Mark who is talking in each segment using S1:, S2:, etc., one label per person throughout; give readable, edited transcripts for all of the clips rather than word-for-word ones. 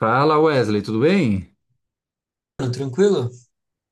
S1: Fala Wesley, tudo bem?
S2: Tranquilo?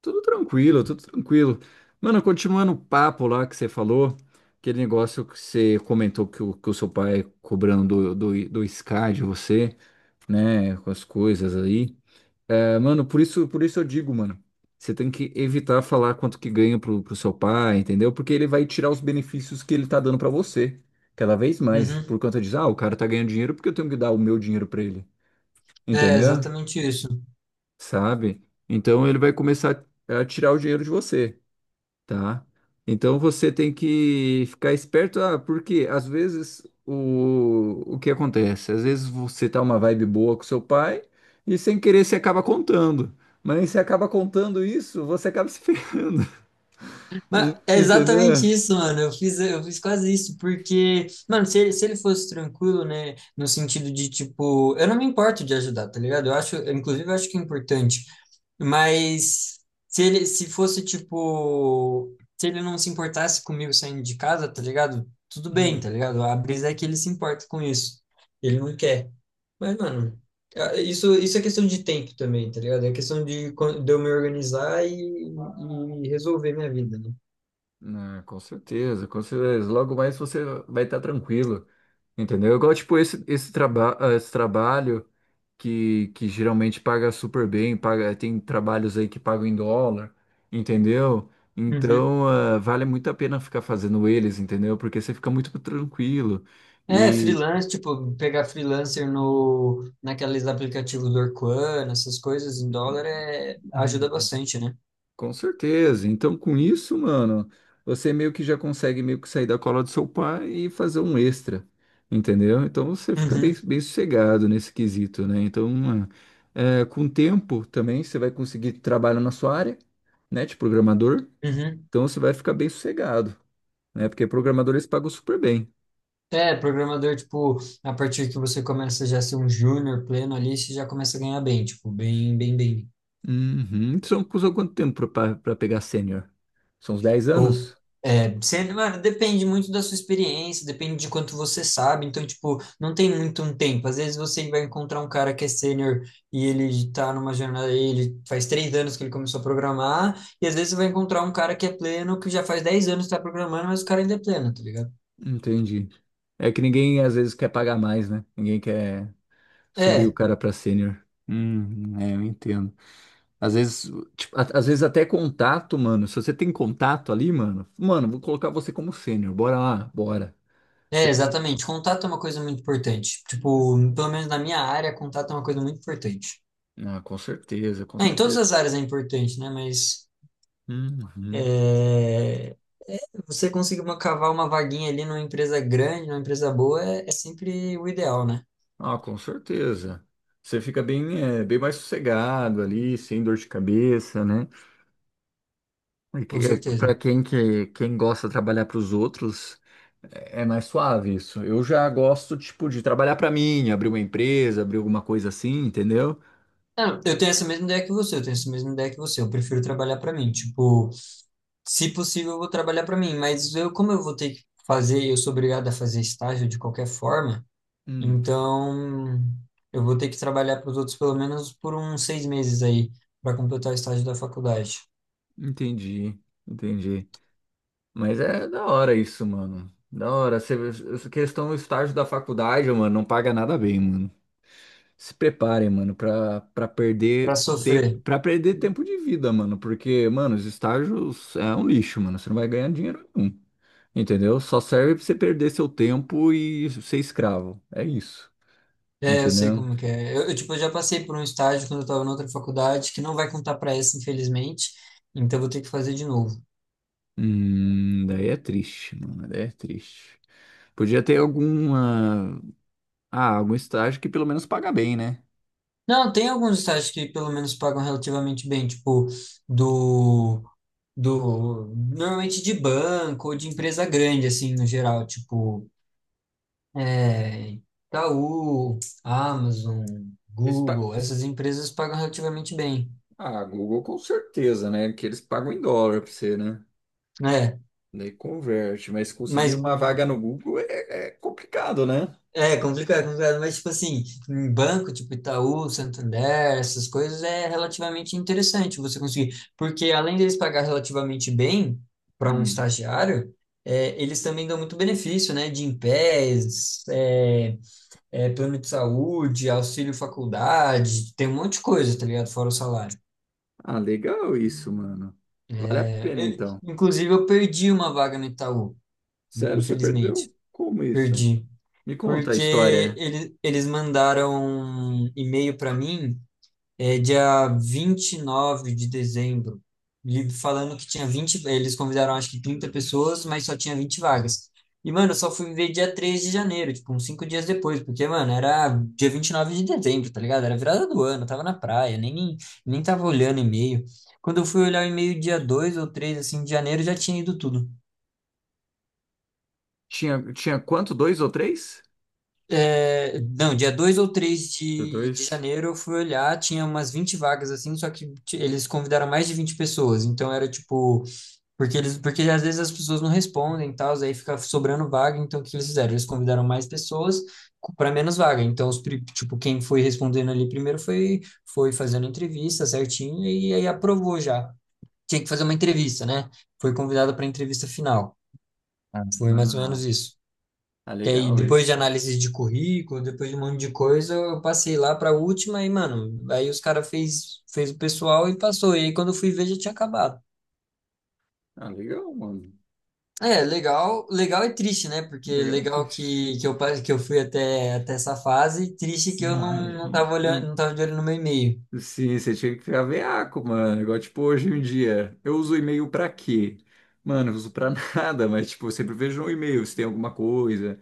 S1: Tudo tranquilo, tudo tranquilo. Mano, continuando o papo lá que você falou, aquele negócio que você comentou que o seu pai cobrando do Sky de você, né, com as coisas aí. É, mano, por isso eu digo, mano, você tem que evitar falar quanto que ganha pro seu pai, entendeu? Porque ele vai tirar os benefícios que ele tá dando pra você, cada vez mais,
S2: Uhum.
S1: por conta disso, o cara tá ganhando dinheiro porque eu tenho que dar o meu dinheiro pra ele,
S2: É
S1: entendeu?
S2: exatamente isso.
S1: Sabe? Então ele vai começar a tirar o dinheiro de você, tá? Então você tem que ficar esperto, porque às vezes o que acontece? Às vezes você tá uma vibe boa com seu pai e sem querer você acaba contando. Mas você acaba contando isso, você acaba se ferrando,
S2: Mas é
S1: entendeu?
S2: exatamente isso, mano. Eu fiz quase isso, porque, mano, se ele fosse tranquilo, né, no sentido de, tipo, eu não me importo de ajudar, tá ligado? Eu, inclusive, eu acho que é importante. Mas se ele, se fosse, tipo, se ele não se importasse comigo saindo de casa, tá ligado? Tudo bem,
S1: Hum.
S2: tá ligado? A brisa é que ele se importa com isso. Ele não quer. Mas, mano, isso é questão de tempo também, tá ligado? É questão de, de eu me organizar e resolver minha vida, né?
S1: Ah, com certeza, com certeza. Logo mais você vai estar tranquilo, entendeu? Igual, tipo, esse trabalho que geralmente paga super bem, paga, tem trabalhos aí que pagam em dólar, entendeu?
S2: Uhum.
S1: Então, vale muito a pena ficar fazendo eles, entendeu? Porque você fica muito tranquilo.
S2: É,
S1: E,
S2: freelance, tipo, pegar freelancer no, naqueles aplicativos do Orkun, essas coisas em dólar é, ajuda
S1: Uhum.
S2: bastante, né?
S1: Com certeza. Então, com isso, mano, você meio que já consegue meio que sair da cola do seu pai e fazer um extra, entendeu? Então, você fica
S2: Uhum,
S1: bem, bem sossegado nesse quesito, né? Então, com o tempo também você vai conseguir trabalho na sua área, né, de programador.
S2: uhum.
S1: Então, você vai ficar bem sossegado, né? Porque programadores pagam super bem.
S2: É, programador, tipo, a partir que você começa já a ser um júnior pleno ali, você já começa a ganhar bem, tipo, bem, bem, bem.
S1: Uhum. São quanto tempo para pegar sênior? São uns 10
S2: Ou,
S1: anos?
S2: é, você, mano, depende muito da sua experiência, depende de quanto você sabe. Então, tipo, não tem muito um tempo. Às vezes você vai encontrar um cara que é sênior e ele tá numa jornada, ele faz 3 anos que ele começou a programar, e às vezes você vai encontrar um cara que é pleno, que já faz 10 anos que tá programando, mas o cara ainda é pleno, tá ligado?
S1: Entendi. É que ninguém às vezes quer pagar mais, né? Ninguém quer. Subir o
S2: É,
S1: cara pra sênior. É, eu entendo. Às vezes, tipo, às vezes até contato, mano. Se você tem contato ali, mano, vou colocar você como sênior. Bora lá, bora.
S2: é,
S1: Tem-
S2: exatamente. Contato é uma coisa muito importante. Tipo, pelo menos na minha área, contato é uma coisa muito importante.
S1: Ah, com certeza, com
S2: É, em todas
S1: certeza.
S2: as áreas é importante, né? Mas.
S1: Uhum.
S2: É, você conseguir cavar uma vaguinha ali numa empresa grande, numa empresa boa, é sempre o ideal, né?
S1: Ah, com certeza. Você fica bem, é, bem mais sossegado ali, sem dor de cabeça, né?
S2: Com certeza.
S1: Pra quem quem gosta de trabalhar pros outros, é mais suave isso. Eu já gosto, tipo, de trabalhar pra mim, abrir uma empresa, abrir alguma coisa assim, entendeu?
S2: Ah, eu tenho essa mesma ideia que você, eu tenho essa mesma ideia que você. Eu prefiro trabalhar para mim. Tipo, se possível, eu vou trabalhar para mim, mas eu, como eu vou ter que fazer, eu sou obrigado a fazer estágio de qualquer forma,
S1: Hum,
S2: então eu vou ter que trabalhar para os outros pelo menos por uns 6 meses aí, para completar o estágio da faculdade,
S1: entendi, entendi. Mas é da hora isso, mano. Da hora. Essa questão do estágio da faculdade, mano, não paga nada bem, mano. Se preparem, mano, pra
S2: para
S1: perder,
S2: sofrer.
S1: pra perder tempo de vida, mano. Porque, mano, os estágios é um lixo, mano. Você não vai ganhar dinheiro nenhum. Entendeu? Só serve pra você perder seu tempo e ser escravo. É isso.
S2: É, eu sei
S1: Entendeu?
S2: como que é. Eu, tipo, eu já passei por um estágio quando eu estava na outra faculdade que não vai contar para essa, infelizmente. Então eu vou ter que fazer de novo.
S1: Daí é triste, mano. Daí é triste. Podia ter alguma. Ah, algum estágio que pelo menos paga bem, né?
S2: Não, tem alguns estágios que pelo menos pagam relativamente bem, tipo do do normalmente de banco ou de empresa grande assim no geral, tipo é, Itaú, Amazon,
S1: Eles pa-
S2: Google,
S1: eles-
S2: essas empresas pagam relativamente bem.
S1: Ah, Google com certeza, né? Que eles pagam em dólar pra você, né?
S2: É,
S1: Daí converte, mas conseguir
S2: mas
S1: uma vaga no Google é, é complicado, né?
S2: é complicado, é complicado, mas tipo assim, em banco, tipo Itaú, Santander, essas coisas é relativamente interessante você conseguir, porque além deles pagar relativamente bem para um
S1: Hum.
S2: estagiário, eles também dão muito benefício, né? De Gympass, plano de saúde, auxílio faculdade, tem um monte de coisa, tá ligado? Fora o salário.
S1: Ah, legal isso, mano. Vale a
S2: É,
S1: pena então.
S2: inclusive, eu perdi uma vaga no Itaú,
S1: Sério, você
S2: infelizmente,
S1: perdeu? Como isso?
S2: perdi.
S1: Me conta a
S2: Porque
S1: história.
S2: eles mandaram um e-mail para mim. É dia 29 de dezembro. Falando que tinha 20, eles convidaram acho que 30 pessoas, mas só tinha 20 vagas. E, mano, eu só fui ver dia 3 de janeiro, tipo, uns 5 dias depois, porque, mano, era dia 29 de dezembro, tá ligado? Era virada do ano, eu tava na praia, nem tava olhando e-mail. Quando eu fui olhar o e-mail dia 2 ou 3 assim, de janeiro, já tinha ido tudo.
S1: Tinha, tinha quanto? Dois ou três?
S2: É, não, dia 2 ou 3
S1: Deu
S2: de,
S1: dois?
S2: janeiro eu fui olhar, tinha umas 20 vagas assim, só que eles convidaram mais de 20 pessoas, então era tipo. Porque às vezes as pessoas não respondem e tal, aí fica sobrando vaga, então o que eles fizeram? Eles convidaram mais pessoas para menos vaga. Então, tipo, quem foi respondendo ali primeiro foi fazendo entrevista certinho e aí aprovou já. Tinha que fazer uma entrevista, né? Foi convidada para a entrevista final. Foi mais ou menos
S1: Ah,
S2: isso.
S1: ah,
S2: Que aí,
S1: legal
S2: depois de
S1: isso.
S2: análise de currículo, depois de um monte de coisa, eu passei lá para a última e, mano, aí os caras fez o pessoal e passou. E aí, quando eu fui ver, já tinha acabado.
S1: Ah, legal, mano.
S2: É, legal, legal e triste, né? Porque
S1: Legal,
S2: legal
S1: bicho.
S2: que eu fui até, até essa fase, triste que eu não,
S1: Uhum,
S2: não tava olhando, não
S1: uhum.
S2: tava de olho no meu e-mail.
S1: Sim, você tinha que ficar veaco, mano. Igual, tipo, hoje em dia, eu uso e-mail pra quê? Mano, eu uso pra nada, mas, tipo, eu sempre vejo um e-mail, se tem alguma coisa,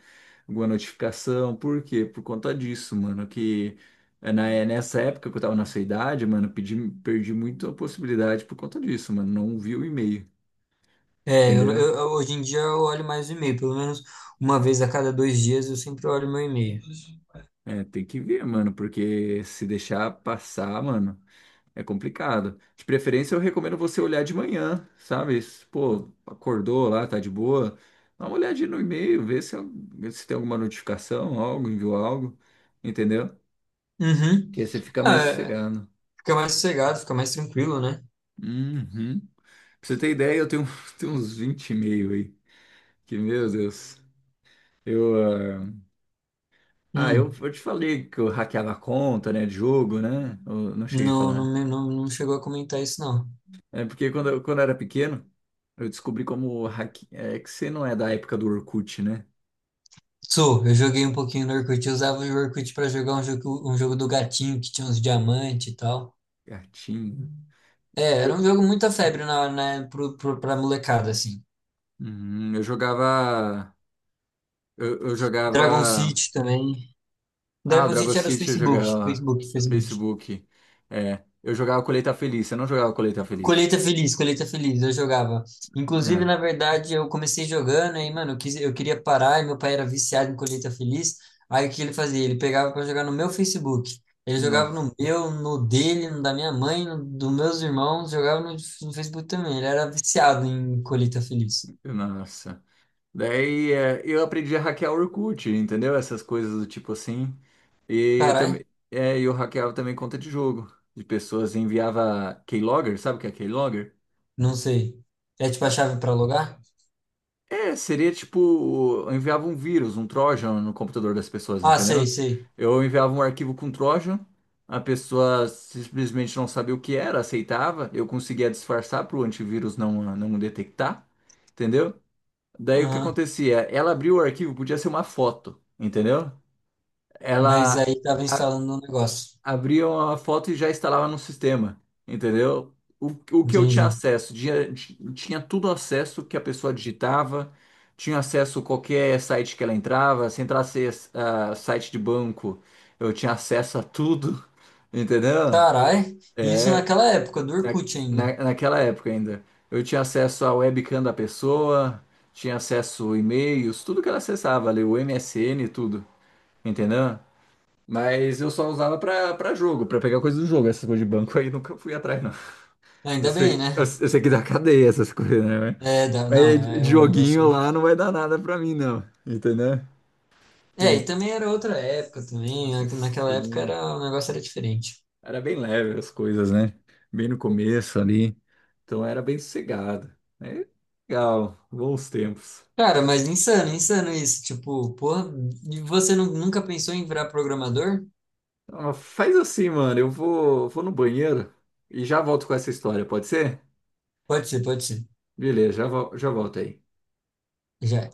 S1: alguma notificação. Por quê? Por conta disso, mano, que é nessa época que eu tava na sua idade, mano, perdi muito a possibilidade por conta disso, mano. Não vi o e-mail,
S2: É,
S1: entendeu?
S2: hoje em dia eu olho mais o e-mail, pelo menos uma vez a cada 2 dias eu sempre olho meu e-mail.
S1: É, tem que ver, mano, porque se deixar passar, mano. É complicado. De preferência, eu recomendo você olhar de manhã, sabe? Se, Pô, acordou lá, tá de boa. Dá uma olhadinha no e-mail, vê se tem alguma notificação, algo, enviou algo, entendeu?
S2: Uhum.
S1: Que aí você fica
S2: Ah,
S1: mais sossegado.
S2: fica mais sossegado, fica mais tranquilo, né?
S1: Uhum. Pra você ter ideia, eu tenho, tenho uns 20 e-mail aí. Que, meu Deus. Eu, ah, eu,
S2: Hum,
S1: te falei que eu hackeava a conta, né, de jogo, né? Eu não cheguei a
S2: não, não,
S1: falar.
S2: não, não chegou a comentar isso, não.
S1: É porque quando eu era pequeno, eu descobri como hack... é que você não é da época do Orkut, né?
S2: Sou, eu joguei um pouquinho no Orkut, eu usava o Orkut pra jogar um jogo do gatinho que tinha uns diamantes e tal.
S1: Gatinho.
S2: É, era
S1: Eu,
S2: um jogo muita febre pra molecada, assim.
S1: Uhum, eu jogava. Eu
S2: Dragon
S1: jogava.
S2: City também.
S1: Ah, o
S2: Dragon
S1: Dragon
S2: City era os
S1: City eu
S2: Facebook,
S1: jogava
S2: Facebook,
S1: no
S2: Facebook.
S1: Facebook. É, eu jogava Colheita Feliz, eu não jogava Colheita Feliz.
S2: Colheita Feliz, Colheita Feliz, eu jogava. Inclusive,
S1: Não,
S2: na verdade, eu comecei jogando, aí, mano, eu queria parar, e meu pai era viciado em Colheita Feliz. Aí o que ele fazia? Ele pegava pra jogar no meu Facebook. Ele jogava
S1: nossa,
S2: no meu, no dele, no da minha mãe, no dos meus irmãos, jogava no Facebook também. Ele era viciado em Colheita Feliz.
S1: nossa. Daí é, eu aprendi a hackear o Orkut, entendeu? Essas coisas do tipo assim. E eu
S2: Caralho,
S1: também, é, e eu hackeava também conta de jogo. De pessoas enviava keylogger, sabe o que é keylogger?
S2: não sei. É tipo a
S1: É,
S2: chave pra logar?
S1: seria tipo, eu enviava um vírus, um Trojan no computador das pessoas,
S2: Ah, sei,
S1: entendeu?
S2: sei.
S1: Eu enviava um arquivo com Trojan, a pessoa simplesmente não sabia o que era, aceitava, eu conseguia disfarçar para o antivírus não detectar, entendeu? Daí o que
S2: Aham.
S1: acontecia? Ela abriu o arquivo, podia ser uma foto, entendeu?
S2: Mas
S1: ela
S2: aí tava
S1: a-
S2: instalando um negócio.
S1: Abria uma foto e já instalava no sistema, entendeu? O que eu tinha
S2: Entendi.
S1: acesso, tinha tudo acesso que a pessoa digitava, tinha acesso a qualquer site que ela entrava, se entrasse a site de banco, eu tinha acesso a tudo, entendeu?
S2: Carai, isso naquela época do
S1: Na,
S2: Orkut ainda.
S1: Naquela época ainda. Eu tinha acesso à webcam da pessoa, tinha acesso a e-mails, tudo que ela acessava ali, o MSN e tudo, entendeu? Mas eu só usava pra jogo, pra pegar coisa do jogo. Essas coisas de banco aí nunca fui atrás, não. Eu
S2: Ainda
S1: sei,
S2: bem,
S1: eu
S2: né?
S1: sei que dá cadeia essas coisas, né?
S2: É, não,
S1: Mas
S2: é
S1: de
S2: um
S1: joguinho
S2: negócio.
S1: lá não vai dar nada pra mim, não. Entendeu?
S2: É, e também era outra época também. Naquela época
S1: Sim.
S2: o negócio era diferente.
S1: Era bem leve as coisas, né? Bem no começo ali. Então era bem sossegado. É legal, bons tempos.
S2: Cara, mas insano, insano isso. Tipo, porra, e você nunca pensou em virar programador?
S1: Ah, faz assim, mano. Vou no banheiro e já volto com essa história, pode ser?
S2: Pode ser, pode ser.
S1: Beleza, já volto aí.
S2: Já